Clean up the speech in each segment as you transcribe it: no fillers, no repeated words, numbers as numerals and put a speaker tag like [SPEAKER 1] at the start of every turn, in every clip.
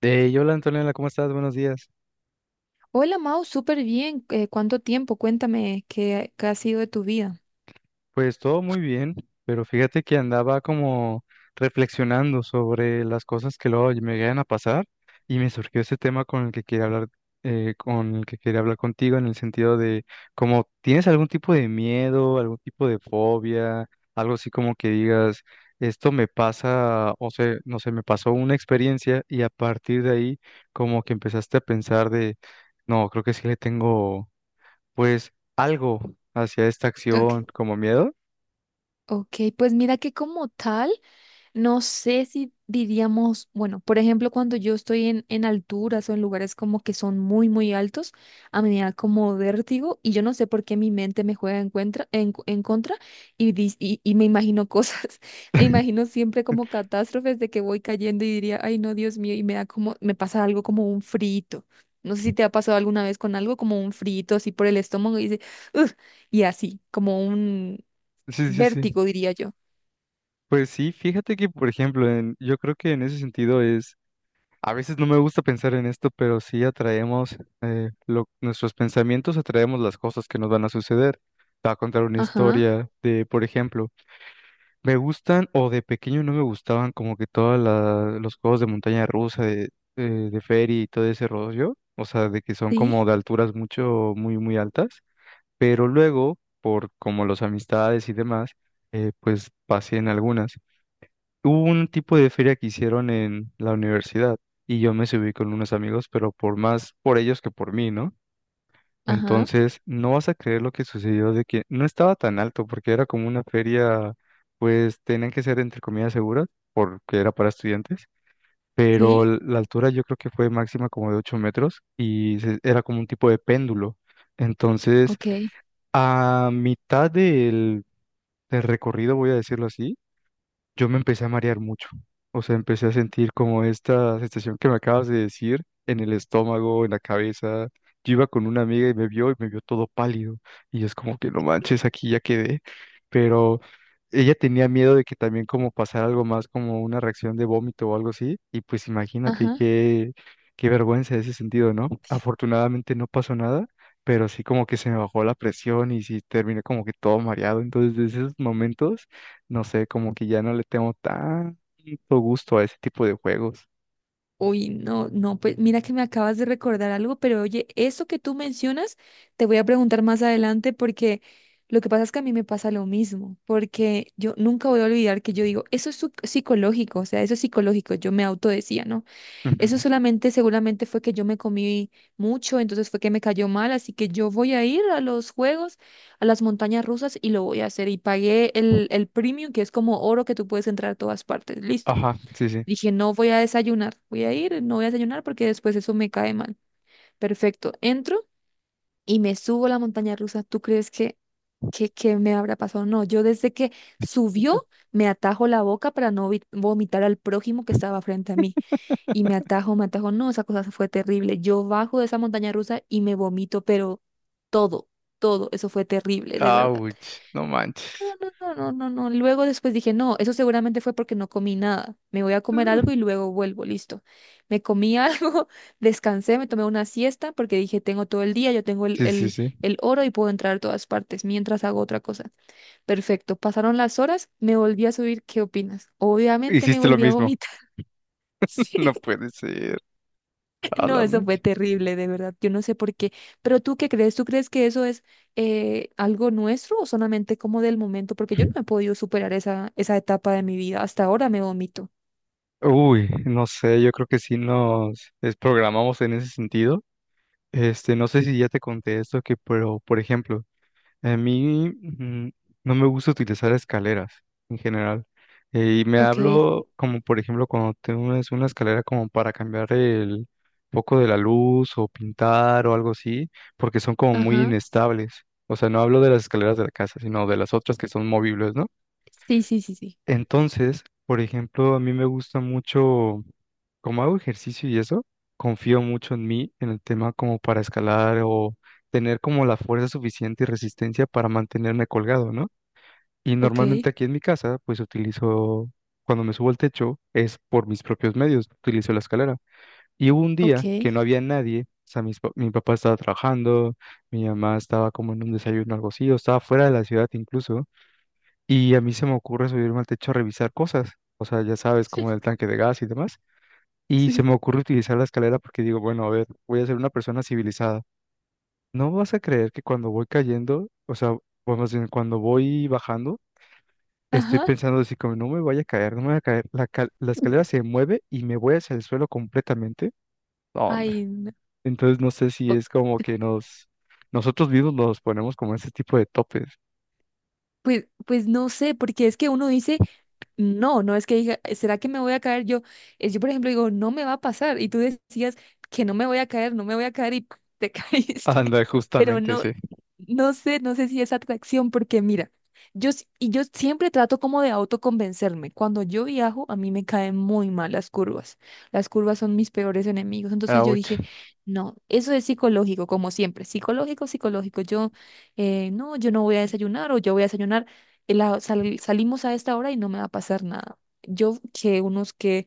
[SPEAKER 1] Y hola Antonella, ¿cómo estás? Buenos días.
[SPEAKER 2] Hola Mau, súper bien. ¿Cuánto tiempo? Cuéntame qué ha sido de tu vida.
[SPEAKER 1] Pues todo muy bien, pero fíjate que andaba como reflexionando sobre las cosas que luego me llegan a pasar y me surgió ese tema con el que quería hablar, contigo en el sentido de como tienes algún tipo de miedo, algún tipo de fobia, algo así como que digas, esto me pasa, o sea, no sé, me pasó una experiencia y a partir de ahí como que empezaste a pensar de, no, creo que sí le tengo pues algo hacia esta
[SPEAKER 2] Ok.
[SPEAKER 1] acción como miedo.
[SPEAKER 2] Ok, pues mira que como tal, no sé si diríamos, bueno, por ejemplo, cuando yo estoy en alturas o en lugares como que son muy, muy altos, a mí me da como vértigo y yo no sé por qué mi mente me juega en, cuentra- en, cu- en contra y me imagino cosas, me imagino siempre como catástrofes de que voy cayendo y diría, ay no, Dios mío, y me da como, me pasa algo como un frito. No sé si te ha pasado alguna vez con algo como un frito así por el estómago y dice, "Ugh", y así, como un,
[SPEAKER 1] Sí, sí, sí.
[SPEAKER 2] vértigo, diría yo.
[SPEAKER 1] Pues sí, fíjate que, por ejemplo, yo creo que en ese sentido es, a veces no me gusta pensar en esto, pero sí atraemos, nuestros pensamientos atraemos las cosas que nos van a suceder. Te voy a contar una
[SPEAKER 2] Ajá,
[SPEAKER 1] historia de, por ejemplo, me gustan o de pequeño no me gustaban como que todos los juegos de montaña rusa, de ferry y todo ese rollo, o sea, de que son
[SPEAKER 2] sí,
[SPEAKER 1] como de alturas mucho, muy, muy altas. Pero luego, por como las amistades y demás, pues pasé en algunas. Hubo un tipo de feria que hicieron en la universidad y yo me subí con unos amigos, pero por más por ellos que por mí, ¿no?
[SPEAKER 2] ajá,
[SPEAKER 1] Entonces, no vas a creer lo que sucedió de que no estaba tan alto porque era como una feria, pues tenían que ser entre comillas seguras porque era para estudiantes, pero
[SPEAKER 2] sí,
[SPEAKER 1] la altura yo creo que fue máxima como de 8 metros y era como un tipo de péndulo. Entonces,
[SPEAKER 2] ok,
[SPEAKER 1] a mitad del, del recorrido, voy a decirlo así, yo me empecé a marear mucho. O sea, empecé a sentir como esta sensación que me acabas de decir en el estómago, en la cabeza. Yo iba con una amiga y me vio todo pálido. Y es como que no manches, aquí ya quedé. Pero ella tenía miedo de que también como pasara algo más, como una reacción de vómito o algo así. Y pues imagínate
[SPEAKER 2] ajá.
[SPEAKER 1] qué, qué vergüenza ese sentido, ¿no? Afortunadamente no pasó nada, pero sí como que se me bajó la presión y sí terminé como que todo mareado. Entonces, desde esos momentos no sé, como que ya no le tengo tanto gusto a ese tipo de juegos.
[SPEAKER 2] Uy, no, no, pues mira que me acabas de recordar algo, pero oye, eso que tú mencionas, te voy a preguntar más adelante porque lo que pasa es que a mí me pasa lo mismo, porque yo nunca voy a olvidar que yo digo, eso es psicológico, o sea, eso es psicológico, yo me auto decía, ¿no? Eso
[SPEAKER 1] Ujú.
[SPEAKER 2] solamente seguramente fue que yo me comí mucho, entonces fue que me cayó mal, así que yo voy a ir a los juegos, a las montañas rusas y lo voy a hacer. Y pagué el premium, que es como oro que tú puedes entrar a todas partes. Listo.
[SPEAKER 1] Ajá, sí, sí.
[SPEAKER 2] Dije, no voy a desayunar, voy a ir, no voy a desayunar porque después eso me cae mal. Perfecto. Entro y me subo a la montaña rusa. ¿Tú crees que me habrá pasado? No, yo desde que subió me atajo la boca para no vomitar al prójimo que estaba frente a mí. Y me atajo, me atajo. No, esa cosa fue terrible. Yo bajo de esa montaña rusa y me vomito, pero todo, todo, eso fue terrible, de verdad.
[SPEAKER 1] Ouch, no
[SPEAKER 2] No,
[SPEAKER 1] manches.
[SPEAKER 2] no, no, no, no, no. Luego después dije, no, eso seguramente fue porque no comí nada. Me voy a comer algo y luego vuelvo, listo. Me comí algo, descansé, me tomé una siesta porque dije, tengo todo el día, yo tengo el,
[SPEAKER 1] Sí, sí,
[SPEAKER 2] el,
[SPEAKER 1] sí.
[SPEAKER 2] el oro y puedo entrar a todas partes mientras hago otra cosa. Perfecto. Pasaron las horas, me volví a subir. ¿Qué opinas? Obviamente me
[SPEAKER 1] Hiciste lo
[SPEAKER 2] volví a
[SPEAKER 1] mismo.
[SPEAKER 2] vomitar. Sí.
[SPEAKER 1] No puede ser. A
[SPEAKER 2] No,
[SPEAKER 1] la
[SPEAKER 2] eso fue
[SPEAKER 1] mecha.
[SPEAKER 2] terrible, de verdad. Yo no sé por qué. ¿Pero tú qué crees? ¿Tú crees que eso es algo nuestro o solamente como del momento? Porque yo no he podido superar esa etapa de mi vida. Hasta ahora me vomito.
[SPEAKER 1] Uy, no sé, yo creo que sí nos desprogramamos en ese sentido. Este, no sé si ya te conté esto, que, pero, por ejemplo, a mí no me gusta utilizar escaleras en general. Y me
[SPEAKER 2] Ok,
[SPEAKER 1] hablo como, por ejemplo, cuando tienes una escalera como para cambiar el foco de la luz o pintar o algo así, porque son como muy
[SPEAKER 2] ajá.
[SPEAKER 1] inestables. O sea, no hablo de las escaleras de la casa, sino de las otras que son movibles, ¿no?
[SPEAKER 2] Sí, sí, sí, sí.
[SPEAKER 1] Entonces, por ejemplo, a mí me gusta mucho, como hago ejercicio y eso, confío mucho en mí, en el tema como para escalar o tener como la fuerza suficiente y resistencia para mantenerme colgado, ¿no? Y
[SPEAKER 2] Ok,
[SPEAKER 1] normalmente aquí en mi casa, pues utilizo, cuando me subo al techo, es por mis propios medios, utilizo la escalera. Y hubo un día
[SPEAKER 2] ok.
[SPEAKER 1] que no había nadie, o sea, mi papá estaba trabajando, mi mamá estaba como en un desayuno o algo así, o estaba fuera de la ciudad incluso. Y a mí se me ocurre subirme al techo a revisar cosas, o sea, ya sabes, como el tanque de gas y demás. Y se
[SPEAKER 2] Sí.
[SPEAKER 1] me ocurre utilizar la escalera porque digo, bueno, a ver, voy a ser una persona civilizada. No vas a creer que cuando voy cayendo, o sea, bueno, más bien, cuando voy bajando, estoy
[SPEAKER 2] Ajá.
[SPEAKER 1] pensando así como, no me vaya a caer, no me vaya a caer. La, la escalera se mueve y me voy hacia el suelo completamente. No, hombre.
[SPEAKER 2] Ay, no.
[SPEAKER 1] Entonces no sé si
[SPEAKER 2] O-
[SPEAKER 1] es como que nos, nosotros mismos nos ponemos como ese tipo de topes.
[SPEAKER 2] pues no sé, porque es que uno dice, no, no es que diga, ¿será que me voy a caer yo? Yo, por ejemplo, digo, no me va a pasar. Y tú decías que no me voy a caer, no me voy a caer y te caíste.
[SPEAKER 1] Anda,
[SPEAKER 2] Pero
[SPEAKER 1] justamente,
[SPEAKER 2] no,
[SPEAKER 1] sí.
[SPEAKER 2] no sé si es atracción, porque mira, y yo siempre trato como de autoconvencerme. Cuando yo viajo, a mí me caen muy mal las curvas. Las curvas son mis peores enemigos. Entonces yo
[SPEAKER 1] Ouch.
[SPEAKER 2] dije, no, eso es psicológico, como siempre. Psicológico, psicológico. Yo, no, yo no voy a desayunar o yo voy a desayunar. Salimos a esta hora y no me va a pasar nada. Yo que unos que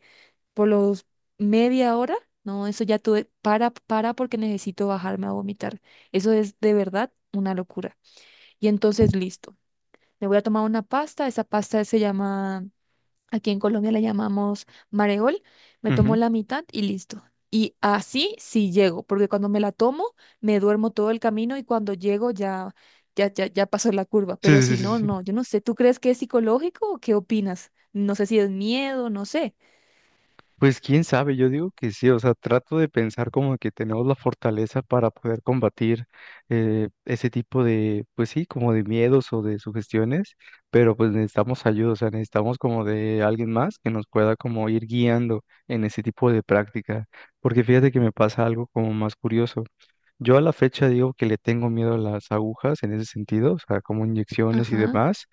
[SPEAKER 2] por los media hora, no, eso ya tuve, para porque necesito bajarme a vomitar. Eso es de verdad una locura. Y entonces, listo, me voy a tomar una pasta, esa pasta se llama, aquí en Colombia la llamamos mareol, me tomo
[SPEAKER 1] Ujú.
[SPEAKER 2] la mitad y listo. Y así sí llego, porque cuando me la tomo, me duermo todo el camino y cuando llego ya pasó la curva. Pero
[SPEAKER 1] Sí, sí,
[SPEAKER 2] si
[SPEAKER 1] sí, sí,
[SPEAKER 2] no,
[SPEAKER 1] sí.
[SPEAKER 2] no, yo no sé, ¿tú crees que es psicológico o qué opinas? No sé si es miedo, no sé.
[SPEAKER 1] Pues quién sabe, yo digo que sí, o sea, trato de pensar como que tenemos la fortaleza para poder combatir ese tipo de, pues sí, como de miedos o de sugestiones, pero pues necesitamos ayuda, o sea, necesitamos como de alguien más que nos pueda como ir guiando en ese tipo de práctica, porque fíjate que me pasa algo como más curioso. Yo a la fecha digo que le tengo miedo a las agujas en ese sentido, o sea, como inyecciones y
[SPEAKER 2] Ajá,
[SPEAKER 1] demás,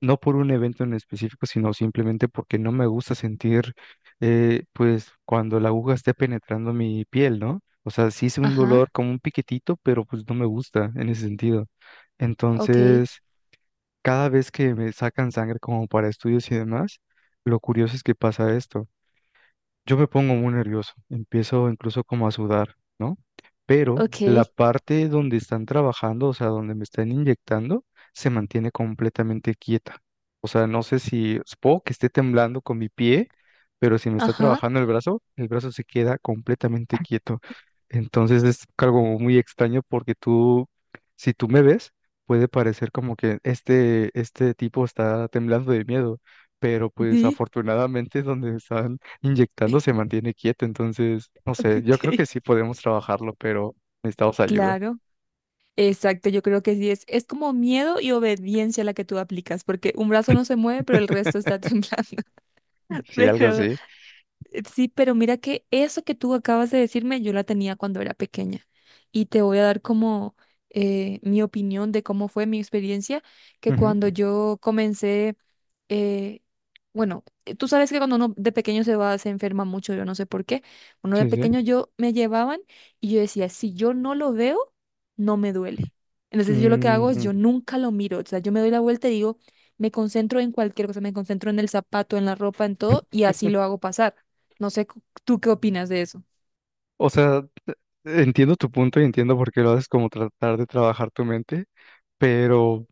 [SPEAKER 1] no por un evento en específico, sino simplemente porque no me gusta sentir, pues, cuando la aguja esté penetrando mi piel, ¿no? O sea, sí es un
[SPEAKER 2] ajá.
[SPEAKER 1] dolor como un piquetito, pero pues no me gusta en ese sentido.
[SPEAKER 2] Ok,
[SPEAKER 1] Entonces, cada vez que me sacan sangre como para estudios y demás, lo curioso es que pasa esto. Yo me pongo muy nervioso, empiezo incluso como a sudar, ¿no? Pero la
[SPEAKER 2] ok,
[SPEAKER 1] parte donde están trabajando, o sea, donde me están inyectando, se mantiene completamente quieta. O sea, no sé si puedo que esté temblando con mi pie, pero si me está
[SPEAKER 2] ajá,
[SPEAKER 1] trabajando el brazo se queda completamente quieto. Entonces es algo muy extraño porque tú, si tú me ves, puede parecer como que este tipo está temblando de miedo, pero pues
[SPEAKER 2] sí,
[SPEAKER 1] afortunadamente donde están inyectando se mantiene quieto. Entonces, no sé, yo creo que
[SPEAKER 2] ok,
[SPEAKER 1] sí podemos trabajarlo, pero necesitamos ayuda.
[SPEAKER 2] claro, exacto, yo creo que sí es como miedo y obediencia la que tú aplicas, porque un brazo no se mueve, pero el resto está temblando,
[SPEAKER 1] Sí, algo
[SPEAKER 2] pero
[SPEAKER 1] así.
[SPEAKER 2] sí, pero mira que eso que tú acabas de decirme, yo la tenía cuando era pequeña, y te voy a dar como mi opinión de cómo fue mi experiencia, que
[SPEAKER 1] Ujú.
[SPEAKER 2] cuando yo comencé eh, bueno, tú sabes que cuando uno de pequeño se va, se enferma mucho, yo no sé por qué. Uno de
[SPEAKER 1] Sí, sí.
[SPEAKER 2] pequeño yo me llevaban y yo decía, si yo no lo veo, no me duele. Entonces yo lo que hago es
[SPEAKER 1] Ujú.
[SPEAKER 2] yo nunca lo miro, o sea, yo me doy la vuelta y digo, me concentro en cualquier cosa, me concentro en el zapato, en la ropa, en todo, y así lo hago pasar. No sé, ¿tú qué opinas de eso?
[SPEAKER 1] O sea, entiendo tu punto y entiendo por qué lo haces como tratar de trabajar tu mente, pero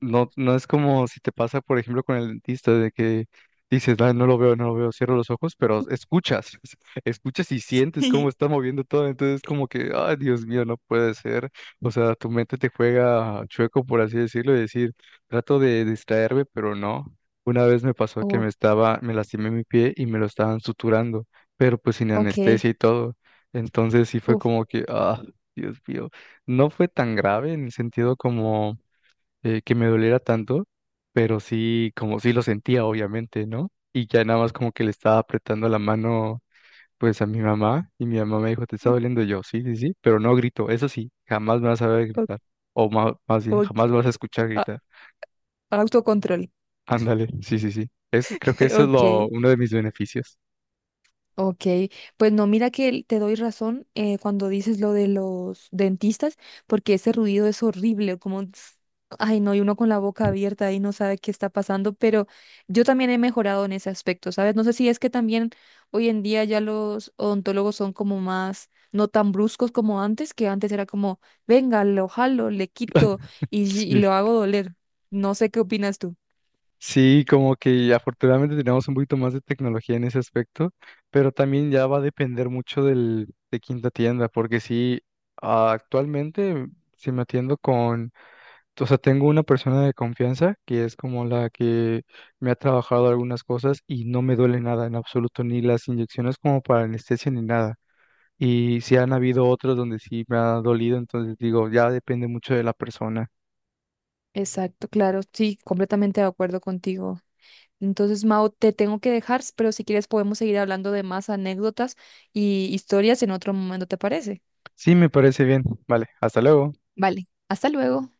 [SPEAKER 1] no, no es como si te pasa, por ejemplo, con el dentista, de que dices, "Ah, no lo veo, no lo veo, cierro los ojos", pero escuchas, escuchas y sientes cómo está moviendo todo, entonces como que, ay, Dios mío, no puede ser. O sea, tu mente te juega chueco, por así decirlo, y decir, trato de distraerme, pero no. Una vez me pasó que
[SPEAKER 2] Oh,
[SPEAKER 1] me estaba, me lastimé mi pie y me lo estaban suturando, pero pues sin
[SPEAKER 2] ok.
[SPEAKER 1] anestesia y todo. Entonces sí fue
[SPEAKER 2] Uf,
[SPEAKER 1] como que, ah, Dios mío, no fue tan grave en el sentido como que me doliera tanto, pero sí, como sí lo sentía, obviamente, ¿no? Y ya nada más como que le estaba apretando la mano, pues a mi mamá, y mi mamá me dijo, ¿te está doliendo? Yo, sí, sí, sí, pero no grito, eso sí, jamás me vas a ver
[SPEAKER 2] o-
[SPEAKER 1] gritar, más bien,
[SPEAKER 2] ok.
[SPEAKER 1] jamás me vas a escuchar
[SPEAKER 2] A-
[SPEAKER 1] gritar.
[SPEAKER 2] autocontrol.
[SPEAKER 1] Ándale, sí, sí, sí. Es, creo que eso es lo,
[SPEAKER 2] Ok.
[SPEAKER 1] uno de mis beneficios.
[SPEAKER 2] Ok, pues no, mira que te doy razón cuando dices lo de los dentistas, porque ese ruido es horrible, como, tss, ay no, y uno con la boca abierta y no sabe qué está pasando, pero yo también he mejorado en ese aspecto, ¿sabes? No sé si es que también hoy en día ya los odontólogos son como más, no tan bruscos como antes, que antes era como, venga, lo jalo, le quito y, y
[SPEAKER 1] Sí.
[SPEAKER 2] lo hago doler. No sé qué opinas tú.
[SPEAKER 1] Sí, como que afortunadamente tenemos un poquito más de tecnología en ese aspecto, pero también ya va a depender mucho del, de quinta tienda, porque sí, ah, actualmente si me atiendo con, o sea, tengo una persona de confianza que es como la que me ha trabajado algunas cosas y no me duele nada en absoluto, ni las inyecciones como para anestesia ni nada. Y si han habido otros donde sí me ha dolido, entonces digo, ya depende mucho de la persona.
[SPEAKER 2] Exacto, claro, sí, completamente de acuerdo contigo. Entonces, Mao, te tengo que dejar, pero si quieres podemos seguir hablando de más anécdotas y historias en otro momento, ¿te parece?
[SPEAKER 1] Sí, me parece bien. Vale, hasta luego.
[SPEAKER 2] Vale, hasta luego.